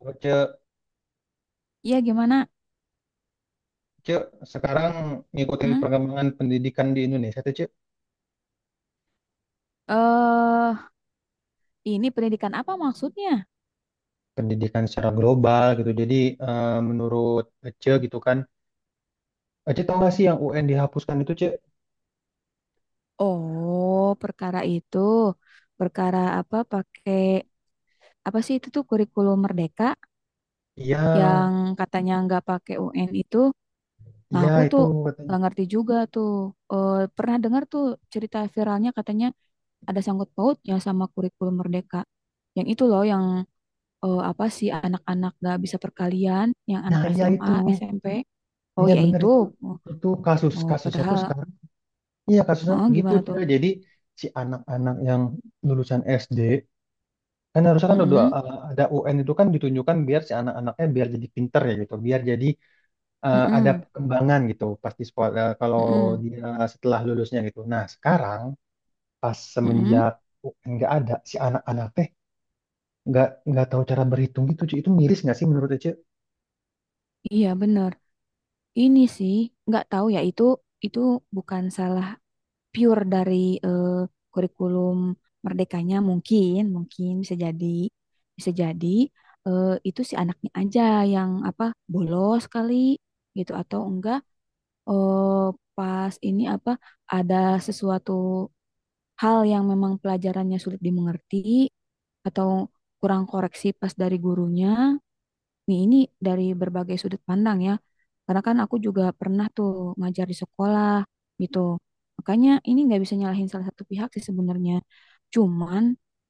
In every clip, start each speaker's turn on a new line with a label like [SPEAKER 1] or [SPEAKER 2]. [SPEAKER 1] Oh, Cek,
[SPEAKER 2] Iya, gimana?
[SPEAKER 1] Cek, sekarang ngikutin
[SPEAKER 2] Hmm?
[SPEAKER 1] perkembangan pendidikan di Indonesia tuh, Cek,
[SPEAKER 2] Eh, ini pendidikan apa maksudnya?
[SPEAKER 1] pendidikan secara global gitu. Jadi, menurut Cek gitu kan, Cek tau gak sih yang UN dihapuskan itu, Cek?
[SPEAKER 2] Oh, perkara itu, perkara apa pakai apa sih itu tuh kurikulum merdeka
[SPEAKER 1] Iya,
[SPEAKER 2] yang katanya nggak pakai UN itu. Nah,
[SPEAKER 1] iya
[SPEAKER 2] aku
[SPEAKER 1] itu
[SPEAKER 2] tuh
[SPEAKER 1] katanya.
[SPEAKER 2] nggak ngerti juga tuh. Pernah dengar tuh cerita viralnya katanya ada sangkut pautnya sama kurikulum merdeka. Yang itu loh, apa sih anak-anak nggak bisa perkalian, yang anak
[SPEAKER 1] Nah, iya
[SPEAKER 2] SMA,
[SPEAKER 1] itu,
[SPEAKER 2] SMP. Oh
[SPEAKER 1] iya
[SPEAKER 2] iya
[SPEAKER 1] bener
[SPEAKER 2] itu.
[SPEAKER 1] itu.
[SPEAKER 2] Oh,
[SPEAKER 1] Itu kasus,
[SPEAKER 2] oh,
[SPEAKER 1] kasusnya tuh sekarang, iya kasusnya
[SPEAKER 2] Heeh,
[SPEAKER 1] gitu,
[SPEAKER 2] gimana tuh?
[SPEAKER 1] Cek. Jadi si anak-anak yang lulusan SD, kan harusnya kan udah,
[SPEAKER 2] Mm-mm,
[SPEAKER 1] ada UN itu kan ditunjukkan biar si anak-anaknya biar jadi pinter ya gitu, biar jadi ada
[SPEAKER 2] mm-mm,
[SPEAKER 1] perkembangan gitu pas di sekolah, kalau
[SPEAKER 2] mm-mm,
[SPEAKER 1] dia setelah lulusnya gitu. Nah sekarang pas
[SPEAKER 2] mm-mm.
[SPEAKER 1] semenjak UN nggak ada si anak-anak teh nggak tahu cara berhitung gitu, Ci. Itu miris nggak sih menurut Ece?
[SPEAKER 2] Iya bener. Ini sih nggak tahu ya, itu bukan salah pure dari eh, kurikulum merdekanya. Mungkin mungkin bisa jadi itu si anaknya aja yang apa, bolos kali gitu, atau enggak, eh, pas ini apa, ada sesuatu hal yang memang pelajarannya sulit dimengerti, atau kurang koreksi pas dari gurunya. Nih, ini dari berbagai sudut pandang ya. Karena kan aku juga pernah tuh ngajar di sekolah gitu. Makanya ini nggak bisa nyalahin salah satu pihak sih sebenarnya. Cuman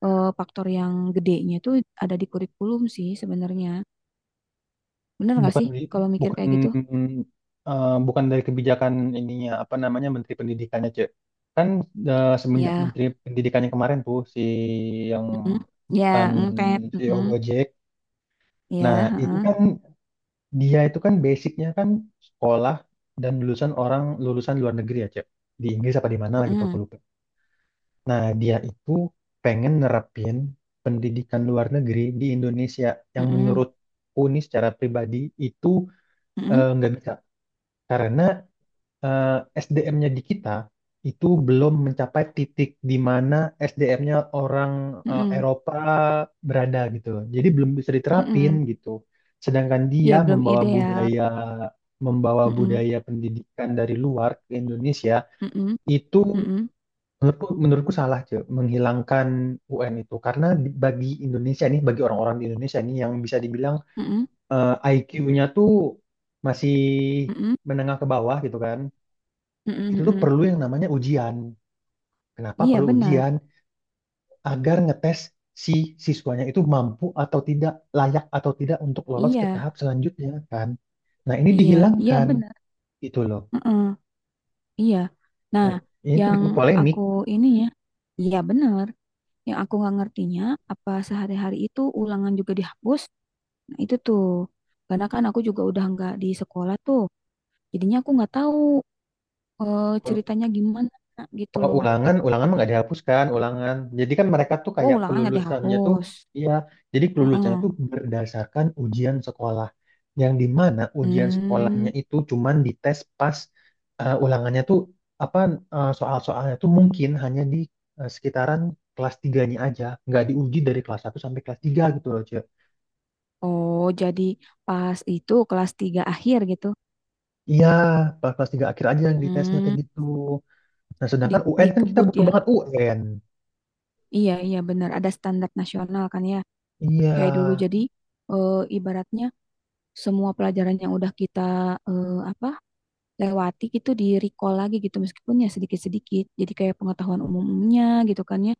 [SPEAKER 2] faktor yang gedenya itu ada di kurikulum sih sebenarnya. Bener nggak
[SPEAKER 1] Bukan
[SPEAKER 2] sih kalau mikir
[SPEAKER 1] bukan
[SPEAKER 2] kayak gitu?
[SPEAKER 1] eh, bukan dari kebijakan ininya apa namanya Menteri Pendidikannya, Cek. Kan, semenjak
[SPEAKER 2] Ya,
[SPEAKER 1] Menteri Pendidikannya kemarin tuh si yang
[SPEAKER 2] mm, ya,
[SPEAKER 1] mantan
[SPEAKER 2] mm, mm,
[SPEAKER 1] CEO
[SPEAKER 2] mm,
[SPEAKER 1] Gojek.
[SPEAKER 2] ya,
[SPEAKER 1] Nah, itu
[SPEAKER 2] heeh,
[SPEAKER 1] kan dia itu kan basicnya kan sekolah dan orang lulusan luar negeri ya, Cep. Di Inggris apa di mana lah gitu aku
[SPEAKER 2] mm,
[SPEAKER 1] lupa. Nah, dia itu pengen nerapin pendidikan luar negeri di Indonesia yang
[SPEAKER 2] mm,
[SPEAKER 1] menurut Uni secara pribadi itu
[SPEAKER 2] mm, mm,
[SPEAKER 1] nggak bisa. Karena eh, SDM-nya di kita itu belum mencapai titik di mana SDM-nya orang
[SPEAKER 2] mm, mm,
[SPEAKER 1] Eropa berada gitu. Jadi belum bisa
[SPEAKER 2] mm,
[SPEAKER 1] diterapin
[SPEAKER 2] mm.
[SPEAKER 1] gitu. Sedangkan
[SPEAKER 2] Ya,
[SPEAKER 1] dia
[SPEAKER 2] belum
[SPEAKER 1] membawa
[SPEAKER 2] ideal.
[SPEAKER 1] budaya membawa
[SPEAKER 2] Mm,
[SPEAKER 1] budaya pendidikan dari luar ke Indonesia
[SPEAKER 2] mm, mm,
[SPEAKER 1] itu
[SPEAKER 2] mm, mm,
[SPEAKER 1] menurutku salah cuy menghilangkan UN itu karena bagi Indonesia nih, bagi orang-orang di Indonesia nih yang bisa dibilang
[SPEAKER 2] mm,
[SPEAKER 1] IQ-nya tuh masih
[SPEAKER 2] mm, mm,
[SPEAKER 1] menengah ke bawah gitu kan,
[SPEAKER 2] mm, mm,
[SPEAKER 1] itu tuh
[SPEAKER 2] mm.
[SPEAKER 1] perlu yang namanya ujian. Kenapa
[SPEAKER 2] Iya
[SPEAKER 1] perlu
[SPEAKER 2] benar.
[SPEAKER 1] ujian? Agar ngetes si siswanya itu mampu atau tidak, layak atau tidak untuk lolos ke
[SPEAKER 2] Iya,
[SPEAKER 1] tahap selanjutnya kan. Nah, ini
[SPEAKER 2] iya, iya
[SPEAKER 1] dihilangkan
[SPEAKER 2] benar.
[SPEAKER 1] gitu loh.
[SPEAKER 2] Heeh, iya. Nah,
[SPEAKER 1] Dan ini tuh
[SPEAKER 2] yang
[SPEAKER 1] bikin polemik.
[SPEAKER 2] aku ini ya, iya benar. Yang aku nggak ngertinya apa sehari-hari itu ulangan juga dihapus. Nah, itu tuh. Karena kan aku juga udah nggak di sekolah tuh. Jadinya aku nggak tahu ceritanya gimana gitu.
[SPEAKER 1] Kalau ulangan, ulangan mah nggak dihapuskan, ulangan. Jadi kan mereka tuh
[SPEAKER 2] Oh,
[SPEAKER 1] kayak
[SPEAKER 2] ulangan nggak
[SPEAKER 1] kelulusannya tuh,
[SPEAKER 2] dihapus.
[SPEAKER 1] iya. Jadi kelulusannya
[SPEAKER 2] Heeh.
[SPEAKER 1] tuh berdasarkan ujian sekolah, yang di mana ujian sekolahnya
[SPEAKER 2] Hmm.
[SPEAKER 1] itu cuman dites pas ulangannya tuh apa, soal-soalnya tuh mungkin hanya di sekitaran kelas tiganya aja, nggak diuji dari kelas satu sampai kelas 3 gitu loh, Cek.
[SPEAKER 2] Oh, jadi pas itu kelas 3 akhir gitu.
[SPEAKER 1] Iya, pas kelas 3 akhir aja yang ditesnya
[SPEAKER 2] Hmm,
[SPEAKER 1] kayak gitu. Nah,
[SPEAKER 2] di,
[SPEAKER 1] sedangkan UN kan kita
[SPEAKER 2] dikebut
[SPEAKER 1] butuh
[SPEAKER 2] ya.
[SPEAKER 1] banget UN.
[SPEAKER 2] Iya, iya benar. Ada standar nasional kan ya.
[SPEAKER 1] Iya,
[SPEAKER 2] Kayak dulu jadi ibaratnya semua pelajaran yang udah kita apa lewati gitu di recall lagi gitu meskipun ya sedikit-sedikit. Jadi kayak pengetahuan umumnya gitu kan ya.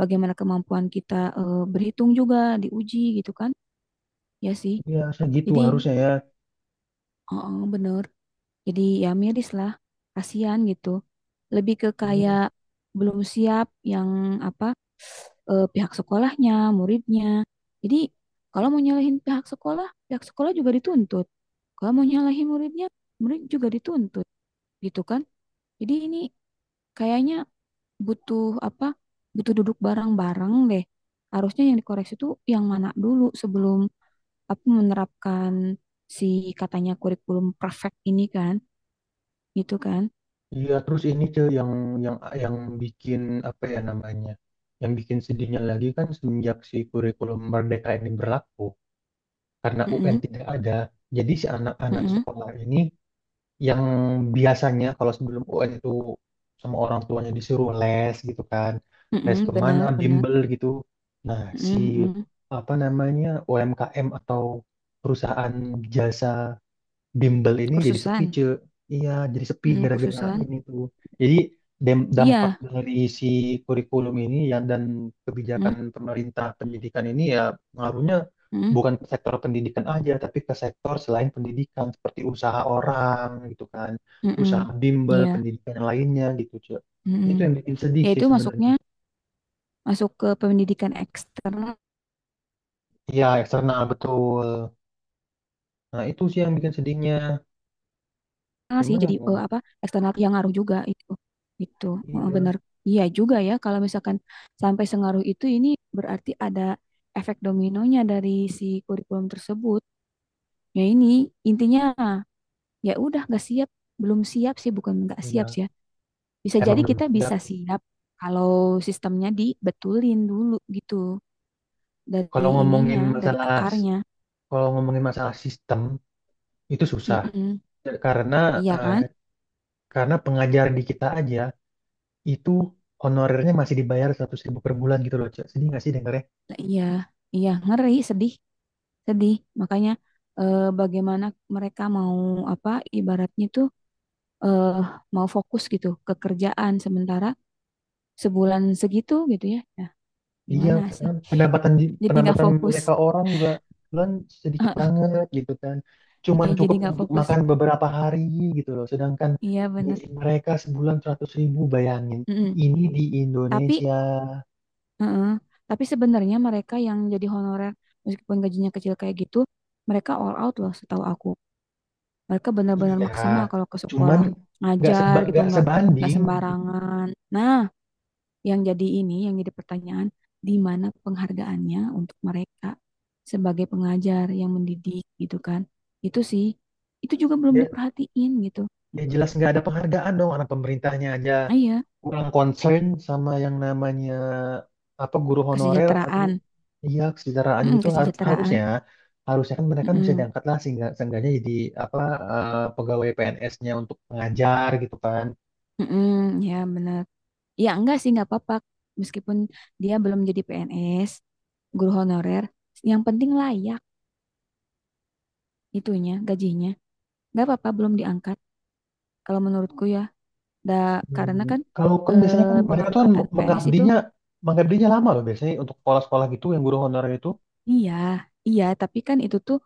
[SPEAKER 2] Bagaimana kemampuan kita berhitung juga diuji gitu kan. Ya sih.
[SPEAKER 1] iya segitu
[SPEAKER 2] Jadi ini,
[SPEAKER 1] harusnya ya.
[SPEAKER 2] oh, oh, bener. Jadi ya miris lah. Kasihan gitu. Lebih ke kayak
[SPEAKER 1] Iya.
[SPEAKER 2] belum siap yang apa, pihak sekolahnya, muridnya. Jadi kalau mau nyalahin pihak sekolah juga dituntut. Kalau mau nyalahin muridnya, murid juga dituntut, gitu kan? Jadi ini kayaknya butuh apa? Butuh duduk bareng-bareng deh. Harusnya yang dikoreksi itu yang mana dulu sebelum apa menerapkan si katanya kurikulum perfect ini kan, gitu kan?
[SPEAKER 1] Iya, terus ini, Cil, yang yang yang bikin apa ya namanya? Yang bikin sedihnya lagi kan semenjak si kurikulum Merdeka ini berlaku karena UN
[SPEAKER 2] Mm-mm,
[SPEAKER 1] tidak ada. Jadi si anak-anak
[SPEAKER 2] mm-mm,
[SPEAKER 1] sekolah ini yang biasanya kalau sebelum UN itu sama orang tuanya disuruh les gitu kan. Les
[SPEAKER 2] mm-mm,
[SPEAKER 1] kemana,
[SPEAKER 2] benar, benar.
[SPEAKER 1] bimbel gitu. Nah, si
[SPEAKER 2] Mm-mm, mm-mm.
[SPEAKER 1] apa namanya UMKM atau perusahaan jasa bimbel ini jadi sepi
[SPEAKER 2] Kursusan,
[SPEAKER 1] cuy, iya jadi sepi gara-gara
[SPEAKER 2] kursusan.
[SPEAKER 1] ini tuh, jadi dampak
[SPEAKER 2] Iya.
[SPEAKER 1] dari si kurikulum ini ya, dan kebijakan
[SPEAKER 2] Mm,
[SPEAKER 1] pemerintah pendidikan ini ya pengaruhnya
[SPEAKER 2] mm.
[SPEAKER 1] bukan ke sektor pendidikan aja tapi ke sektor selain pendidikan seperti usaha orang gitu kan, usaha
[SPEAKER 2] Mm-mm.
[SPEAKER 1] bimbel
[SPEAKER 2] Iya.
[SPEAKER 1] pendidikan yang lainnya gitu cuy,
[SPEAKER 2] Mm-mm.
[SPEAKER 1] itu yang bikin sedih
[SPEAKER 2] Ya
[SPEAKER 1] sih
[SPEAKER 2] itu masuknya
[SPEAKER 1] sebenarnya,
[SPEAKER 2] masuk ke pendidikan eksternal
[SPEAKER 1] iya eksternal betul, nah itu sih yang bikin sedihnya
[SPEAKER 2] sih.
[SPEAKER 1] cuman
[SPEAKER 2] Jadi
[SPEAKER 1] yang
[SPEAKER 2] apa, eksternal yang ngaruh juga itu. Itu
[SPEAKER 1] iya,
[SPEAKER 2] benar. Iya juga ya, kalau misalkan sampai sengaruh itu, ini berarti ada efek dominonya dari si kurikulum tersebut. Ya ini intinya ya udah nggak siap, belum siap sih, bukan nggak siap
[SPEAKER 1] iya
[SPEAKER 2] sih ya. Bisa
[SPEAKER 1] emang
[SPEAKER 2] jadi
[SPEAKER 1] belum
[SPEAKER 2] kita
[SPEAKER 1] siap.
[SPEAKER 2] bisa siap kalau sistemnya dibetulin dulu gitu
[SPEAKER 1] Kalau
[SPEAKER 2] dari
[SPEAKER 1] ngomongin
[SPEAKER 2] ininya, dari
[SPEAKER 1] masalah
[SPEAKER 2] akarnya.
[SPEAKER 1] kalau ngomongin masalah sistem itu susah
[SPEAKER 2] Mm-mm.
[SPEAKER 1] karena
[SPEAKER 2] Iya
[SPEAKER 1] eh,
[SPEAKER 2] kan?
[SPEAKER 1] karena pengajar di kita aja itu honorernya masih dibayar 100.000 per bulan gitu loh, Cak. Sedih nggak sih dengarnya?
[SPEAKER 2] Lah, iya, iya ngeri, sedih, sedih. Makanya bagaimana mereka mau apa, ibaratnya tuh eh, mau fokus gitu ke kerjaan sementara sebulan segitu gitu ya. Nah,
[SPEAKER 1] Iya,
[SPEAKER 2] gimana sih?
[SPEAKER 1] kan
[SPEAKER 2] Jadi nggak
[SPEAKER 1] pendapatan
[SPEAKER 2] fokus.
[SPEAKER 1] mereka orang juga bulan sedikit banget gitu kan. Cuman
[SPEAKER 2] Iya, jadi
[SPEAKER 1] cukup
[SPEAKER 2] nggak
[SPEAKER 1] untuk
[SPEAKER 2] fokus.
[SPEAKER 1] makan beberapa hari gitu loh. Sedangkan
[SPEAKER 2] Iya, bener.
[SPEAKER 1] gaji mereka sebulan 100.000 bayangin.
[SPEAKER 2] Mm-mm.
[SPEAKER 1] Ini di
[SPEAKER 2] Tapi,
[SPEAKER 1] Indonesia.
[SPEAKER 2] mm-mm. Tapi sebenarnya mereka yang jadi honorer meskipun gajinya kecil kayak gitu, mereka all out loh setahu aku. Mereka benar-benar
[SPEAKER 1] Iya,
[SPEAKER 2] maksimal kalau ke
[SPEAKER 1] cuman
[SPEAKER 2] sekolah
[SPEAKER 1] nggak
[SPEAKER 2] ngajar
[SPEAKER 1] seba,
[SPEAKER 2] gitu,
[SPEAKER 1] nggak
[SPEAKER 2] nggak
[SPEAKER 1] sebanding
[SPEAKER 2] sembarangan. Nah, yang jadi ini, yang jadi pertanyaan, di mana penghargaannya untuk mereka sebagai pengajar yang mendidik gitu kan. Itu sih, itu juga belum
[SPEAKER 1] Dia,
[SPEAKER 2] diperhatiin gitu.
[SPEAKER 1] dia jelas nggak ada penghargaan dong, anak pemerintahnya aja
[SPEAKER 2] Ah, iya,
[SPEAKER 1] kurang concern sama yang namanya apa guru honorer atau,
[SPEAKER 2] kesejahteraan.
[SPEAKER 1] iya kesetaraan
[SPEAKER 2] Mm-mm,
[SPEAKER 1] gitu, har-
[SPEAKER 2] kesejahteraan.
[SPEAKER 1] harusnya harusnya kan mereka kan bisa
[SPEAKER 2] Mm-mm,
[SPEAKER 1] diangkat lah sehingga seenggaknya jadi apa, pegawai PNS-nya untuk mengajar gitu kan.
[SPEAKER 2] mm-mm, ya benar, ya enggak sih, nggak apa-apa meskipun dia belum jadi PNS, guru honorer, yang penting layak itunya gajinya. Nggak apa-apa, belum diangkat. Kalau menurutku ya, da, karena
[SPEAKER 1] Hmm,
[SPEAKER 2] kan
[SPEAKER 1] kalau kan biasanya kan mereka tuh kan
[SPEAKER 2] pengangkatan PNS itu,
[SPEAKER 1] mengabdinya mengabdinya lama loh biasanya untuk sekolah-sekolah gitu yang guru honorer itu
[SPEAKER 2] iya, iya, tapi kan itu tuh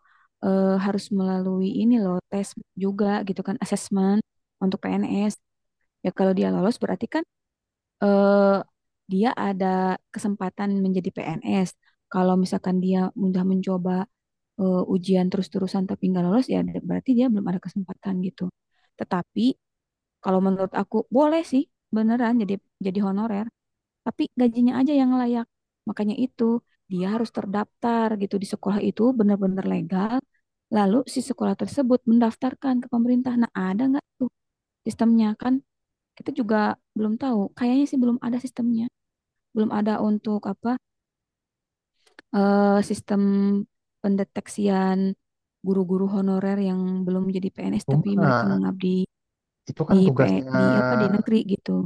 [SPEAKER 2] harus melalui ini loh, tes juga gitu kan, asesmen untuk PNS. Ya kalau dia lolos berarti kan eh, dia ada kesempatan menjadi PNS. Kalau misalkan dia mudah mencoba ujian terus-terusan tapi nggak lolos, ya berarti dia belum ada kesempatan gitu. Tetapi kalau menurut aku boleh sih, beneran jadi honorer, tapi gajinya aja yang layak. Makanya itu dia harus terdaftar gitu di sekolah, itu benar-benar legal. Lalu si sekolah tersebut mendaftarkan ke pemerintah. Nah, ada nggak tuh sistemnya kan? Kita juga belum tahu. Kayaknya sih belum ada sistemnya. Belum ada, untuk apa, sistem pendeteksian guru-guru honorer yang belum jadi PNS tapi mereka
[SPEAKER 1] cuma
[SPEAKER 2] mengabdi
[SPEAKER 1] itu kan
[SPEAKER 2] di P, E,
[SPEAKER 1] tugasnya
[SPEAKER 2] di apa di negeri gitu.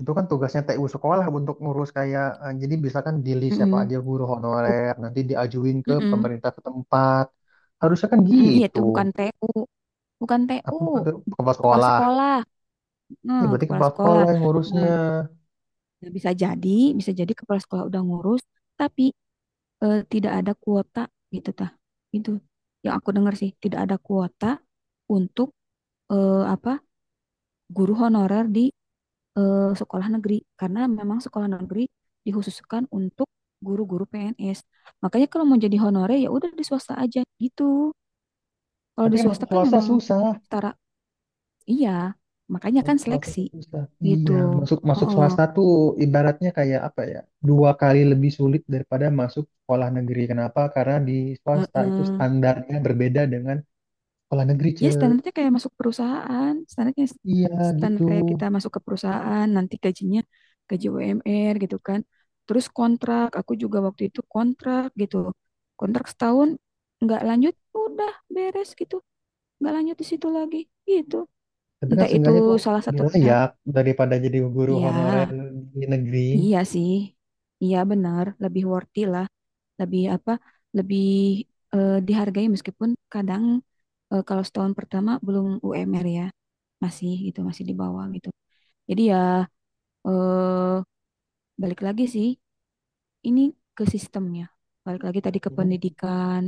[SPEAKER 1] Itu kan tugasnya TU sekolah untuk ngurus kayak, jadi bisa kan di list siapa
[SPEAKER 2] Mm-mm.
[SPEAKER 1] aja guru
[SPEAKER 2] Buk-
[SPEAKER 1] honorer nanti diajuin ke
[SPEAKER 2] mm-mm.
[SPEAKER 1] pemerintah setempat. Harusnya kan
[SPEAKER 2] Mm-mm. Iya,
[SPEAKER 1] gitu.
[SPEAKER 2] itu bukan TU. Bukan TU,
[SPEAKER 1] Apa bukan tuh kepala
[SPEAKER 2] kepala
[SPEAKER 1] sekolah?
[SPEAKER 2] sekolah.
[SPEAKER 1] Ya berarti
[SPEAKER 2] Kepala
[SPEAKER 1] kepala
[SPEAKER 2] sekolah.
[SPEAKER 1] sekolah yang
[SPEAKER 2] Nah,
[SPEAKER 1] ngurusnya.
[SPEAKER 2] ya bisa jadi kepala sekolah udah ngurus, tapi tidak ada kuota gitu tah. Itu yang aku dengar sih, tidak ada kuota untuk apa, guru honorer di sekolah negeri, karena memang sekolah negeri dikhususkan untuk guru-guru PNS. Makanya kalau mau jadi honorer ya udah di swasta aja gitu. Kalau
[SPEAKER 1] Tapi
[SPEAKER 2] di
[SPEAKER 1] kan masuk
[SPEAKER 2] swasta kan
[SPEAKER 1] swasta
[SPEAKER 2] memang
[SPEAKER 1] susah.
[SPEAKER 2] setara. Iya, makanya kan
[SPEAKER 1] Masuk swasta
[SPEAKER 2] seleksi
[SPEAKER 1] tuh susah.
[SPEAKER 2] gitu.
[SPEAKER 1] Iya, masuk masuk
[SPEAKER 2] Oh,
[SPEAKER 1] swasta tuh ibaratnya kayak apa ya? 2 kali lebih sulit daripada masuk sekolah negeri. Kenapa? Karena di swasta itu standarnya berbeda dengan sekolah negeri, Ce.
[SPEAKER 2] ya standarnya kayak masuk perusahaan, standarnya
[SPEAKER 1] Iya, gitu.
[SPEAKER 2] standar kayak kita masuk ke perusahaan, nanti gajinya gaji UMR gitu kan. Terus kontrak, aku juga waktu itu kontrak gitu. Kontrak setahun nggak lanjut, udah beres gitu. Nggak lanjut di situ lagi gitu.
[SPEAKER 1] Tapi kan
[SPEAKER 2] Entah itu
[SPEAKER 1] seenggaknya tuh
[SPEAKER 2] salah
[SPEAKER 1] lebih
[SPEAKER 2] satu pihak.
[SPEAKER 1] layak daripada jadi guru honorer
[SPEAKER 2] Ya,
[SPEAKER 1] di negeri.
[SPEAKER 2] iya sih. Iya benar, lebih worthy lah. Lebih apa, lebih dihargai meskipun kadang kalau setahun pertama belum UMR ya masih gitu, masih di bawah gitu, jadi ya eh, balik lagi sih ini ke sistemnya, balik lagi tadi ke
[SPEAKER 1] Jadi,
[SPEAKER 2] pendidikan.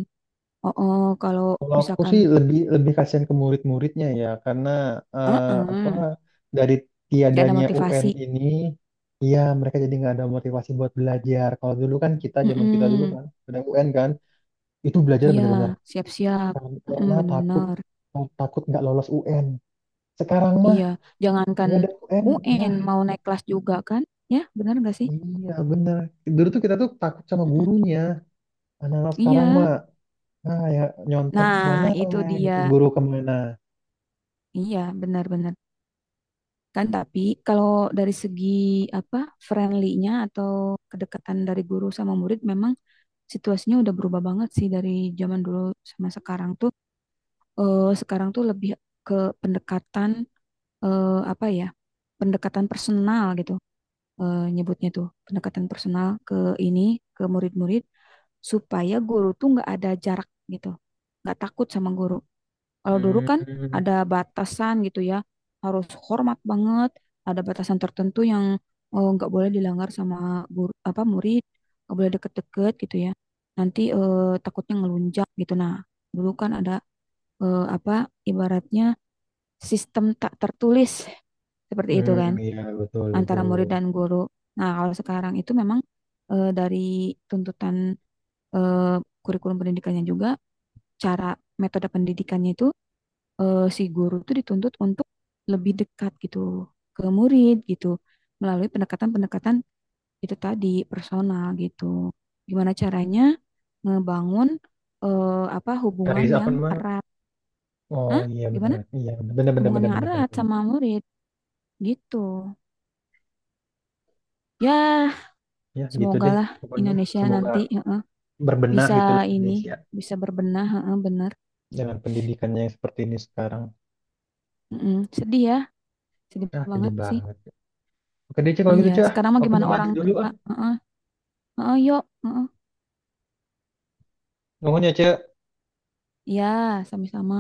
[SPEAKER 2] Oh, oh, kalau
[SPEAKER 1] kalau aku
[SPEAKER 2] misalkan,
[SPEAKER 1] sih lebih lebih kasihan ke murid-muridnya ya, karena, eh,
[SPEAKER 2] eh
[SPEAKER 1] apa
[SPEAKER 2] eh,
[SPEAKER 1] dari
[SPEAKER 2] nggak ada
[SPEAKER 1] tiadanya UN
[SPEAKER 2] motivasi.
[SPEAKER 1] ini, ya mereka jadi nggak ada motivasi buat belajar. Kalau dulu kan kita zaman kita dulu
[SPEAKER 2] Mm,
[SPEAKER 1] kan ada UN kan, itu belajar
[SPEAKER 2] iya,
[SPEAKER 1] bener-bener,
[SPEAKER 2] siap-siap.
[SPEAKER 1] Kar-
[SPEAKER 2] Mm,
[SPEAKER 1] karena takut
[SPEAKER 2] bener-bener.
[SPEAKER 1] takut nggak lolos UN. Sekarang mah
[SPEAKER 2] Iya, jangankan
[SPEAKER 1] nggak ada UN, ya
[SPEAKER 2] UN, mau naik kelas juga kan, ya bener nggak sih?
[SPEAKER 1] iya bener. Dulu tuh kita tuh takut sama
[SPEAKER 2] Mm-mm.
[SPEAKER 1] gurunya. Anak-anak sekarang mah
[SPEAKER 2] Iya.
[SPEAKER 1] ah ya nyontek
[SPEAKER 2] Nah, itu
[SPEAKER 1] mananya gitu
[SPEAKER 2] dia.
[SPEAKER 1] guru kemana.
[SPEAKER 2] Iya, benar-benar. Kan tapi kalau dari segi apa, friendly-nya atau kedekatan dari guru sama murid, memang situasinya udah berubah banget sih dari zaman dulu sama sekarang tuh. Sekarang tuh lebih ke pendekatan, apa ya? Pendekatan personal gitu. Nyebutnya tuh pendekatan personal ke ini ke murid-murid supaya guru tuh nggak ada jarak gitu. Nggak takut sama guru. Kalau dulu kan
[SPEAKER 1] Hmm,
[SPEAKER 2] ada batasan gitu ya, harus hormat banget, ada batasan tertentu yang nggak boleh dilanggar sama guru, apa murid, nggak boleh deket-deket gitu ya. Nanti takutnya ngelunjak gitu. Nah, dulu kan ada apa, ibaratnya sistem tak tertulis seperti itu kan
[SPEAKER 1] hmm, iya betul
[SPEAKER 2] antara
[SPEAKER 1] betul.
[SPEAKER 2] murid dan guru. Nah, kalau sekarang itu memang dari tuntutan eh, kurikulum pendidikannya juga, cara metode pendidikannya itu si guru tuh dituntut untuk lebih dekat gitu ke murid gitu melalui pendekatan-pendekatan itu tadi personal gitu. Gimana caranya ngebangun apa,
[SPEAKER 1] Dari
[SPEAKER 2] hubungan
[SPEAKER 1] apa
[SPEAKER 2] yang
[SPEAKER 1] namanya?
[SPEAKER 2] erat?
[SPEAKER 1] Oh
[SPEAKER 2] Hah? Gimana?
[SPEAKER 1] iya benar benar
[SPEAKER 2] Hubungan
[SPEAKER 1] benar
[SPEAKER 2] yang
[SPEAKER 1] benar benar.
[SPEAKER 2] erat
[SPEAKER 1] Benar.
[SPEAKER 2] sama murid gitu. Ya,
[SPEAKER 1] Ya gitu
[SPEAKER 2] semoga
[SPEAKER 1] deh
[SPEAKER 2] lah
[SPEAKER 1] pokoknya.
[SPEAKER 2] Indonesia
[SPEAKER 1] Semoga
[SPEAKER 2] nanti heeh,
[SPEAKER 1] berbenah
[SPEAKER 2] bisa
[SPEAKER 1] itulah
[SPEAKER 2] ini
[SPEAKER 1] Indonesia
[SPEAKER 2] bisa berbenah, heeh, bener.
[SPEAKER 1] dengan pendidikannya yang seperti ini sekarang.
[SPEAKER 2] Mm-mm. Sedih ya, sedih
[SPEAKER 1] Ah sedih
[SPEAKER 2] banget sih.
[SPEAKER 1] banget. Oke deh Cek, kalau
[SPEAKER 2] Iya,
[SPEAKER 1] gitu Cek, ah.
[SPEAKER 2] sekarang mah
[SPEAKER 1] Aku
[SPEAKER 2] gimana
[SPEAKER 1] mau mandi
[SPEAKER 2] orang
[SPEAKER 1] dulu
[SPEAKER 2] tua?
[SPEAKER 1] ah.
[SPEAKER 2] Heeh, heeh, yuk. Heeh.
[SPEAKER 1] Ngomongnya Cek.
[SPEAKER 2] Iya, sama-sama.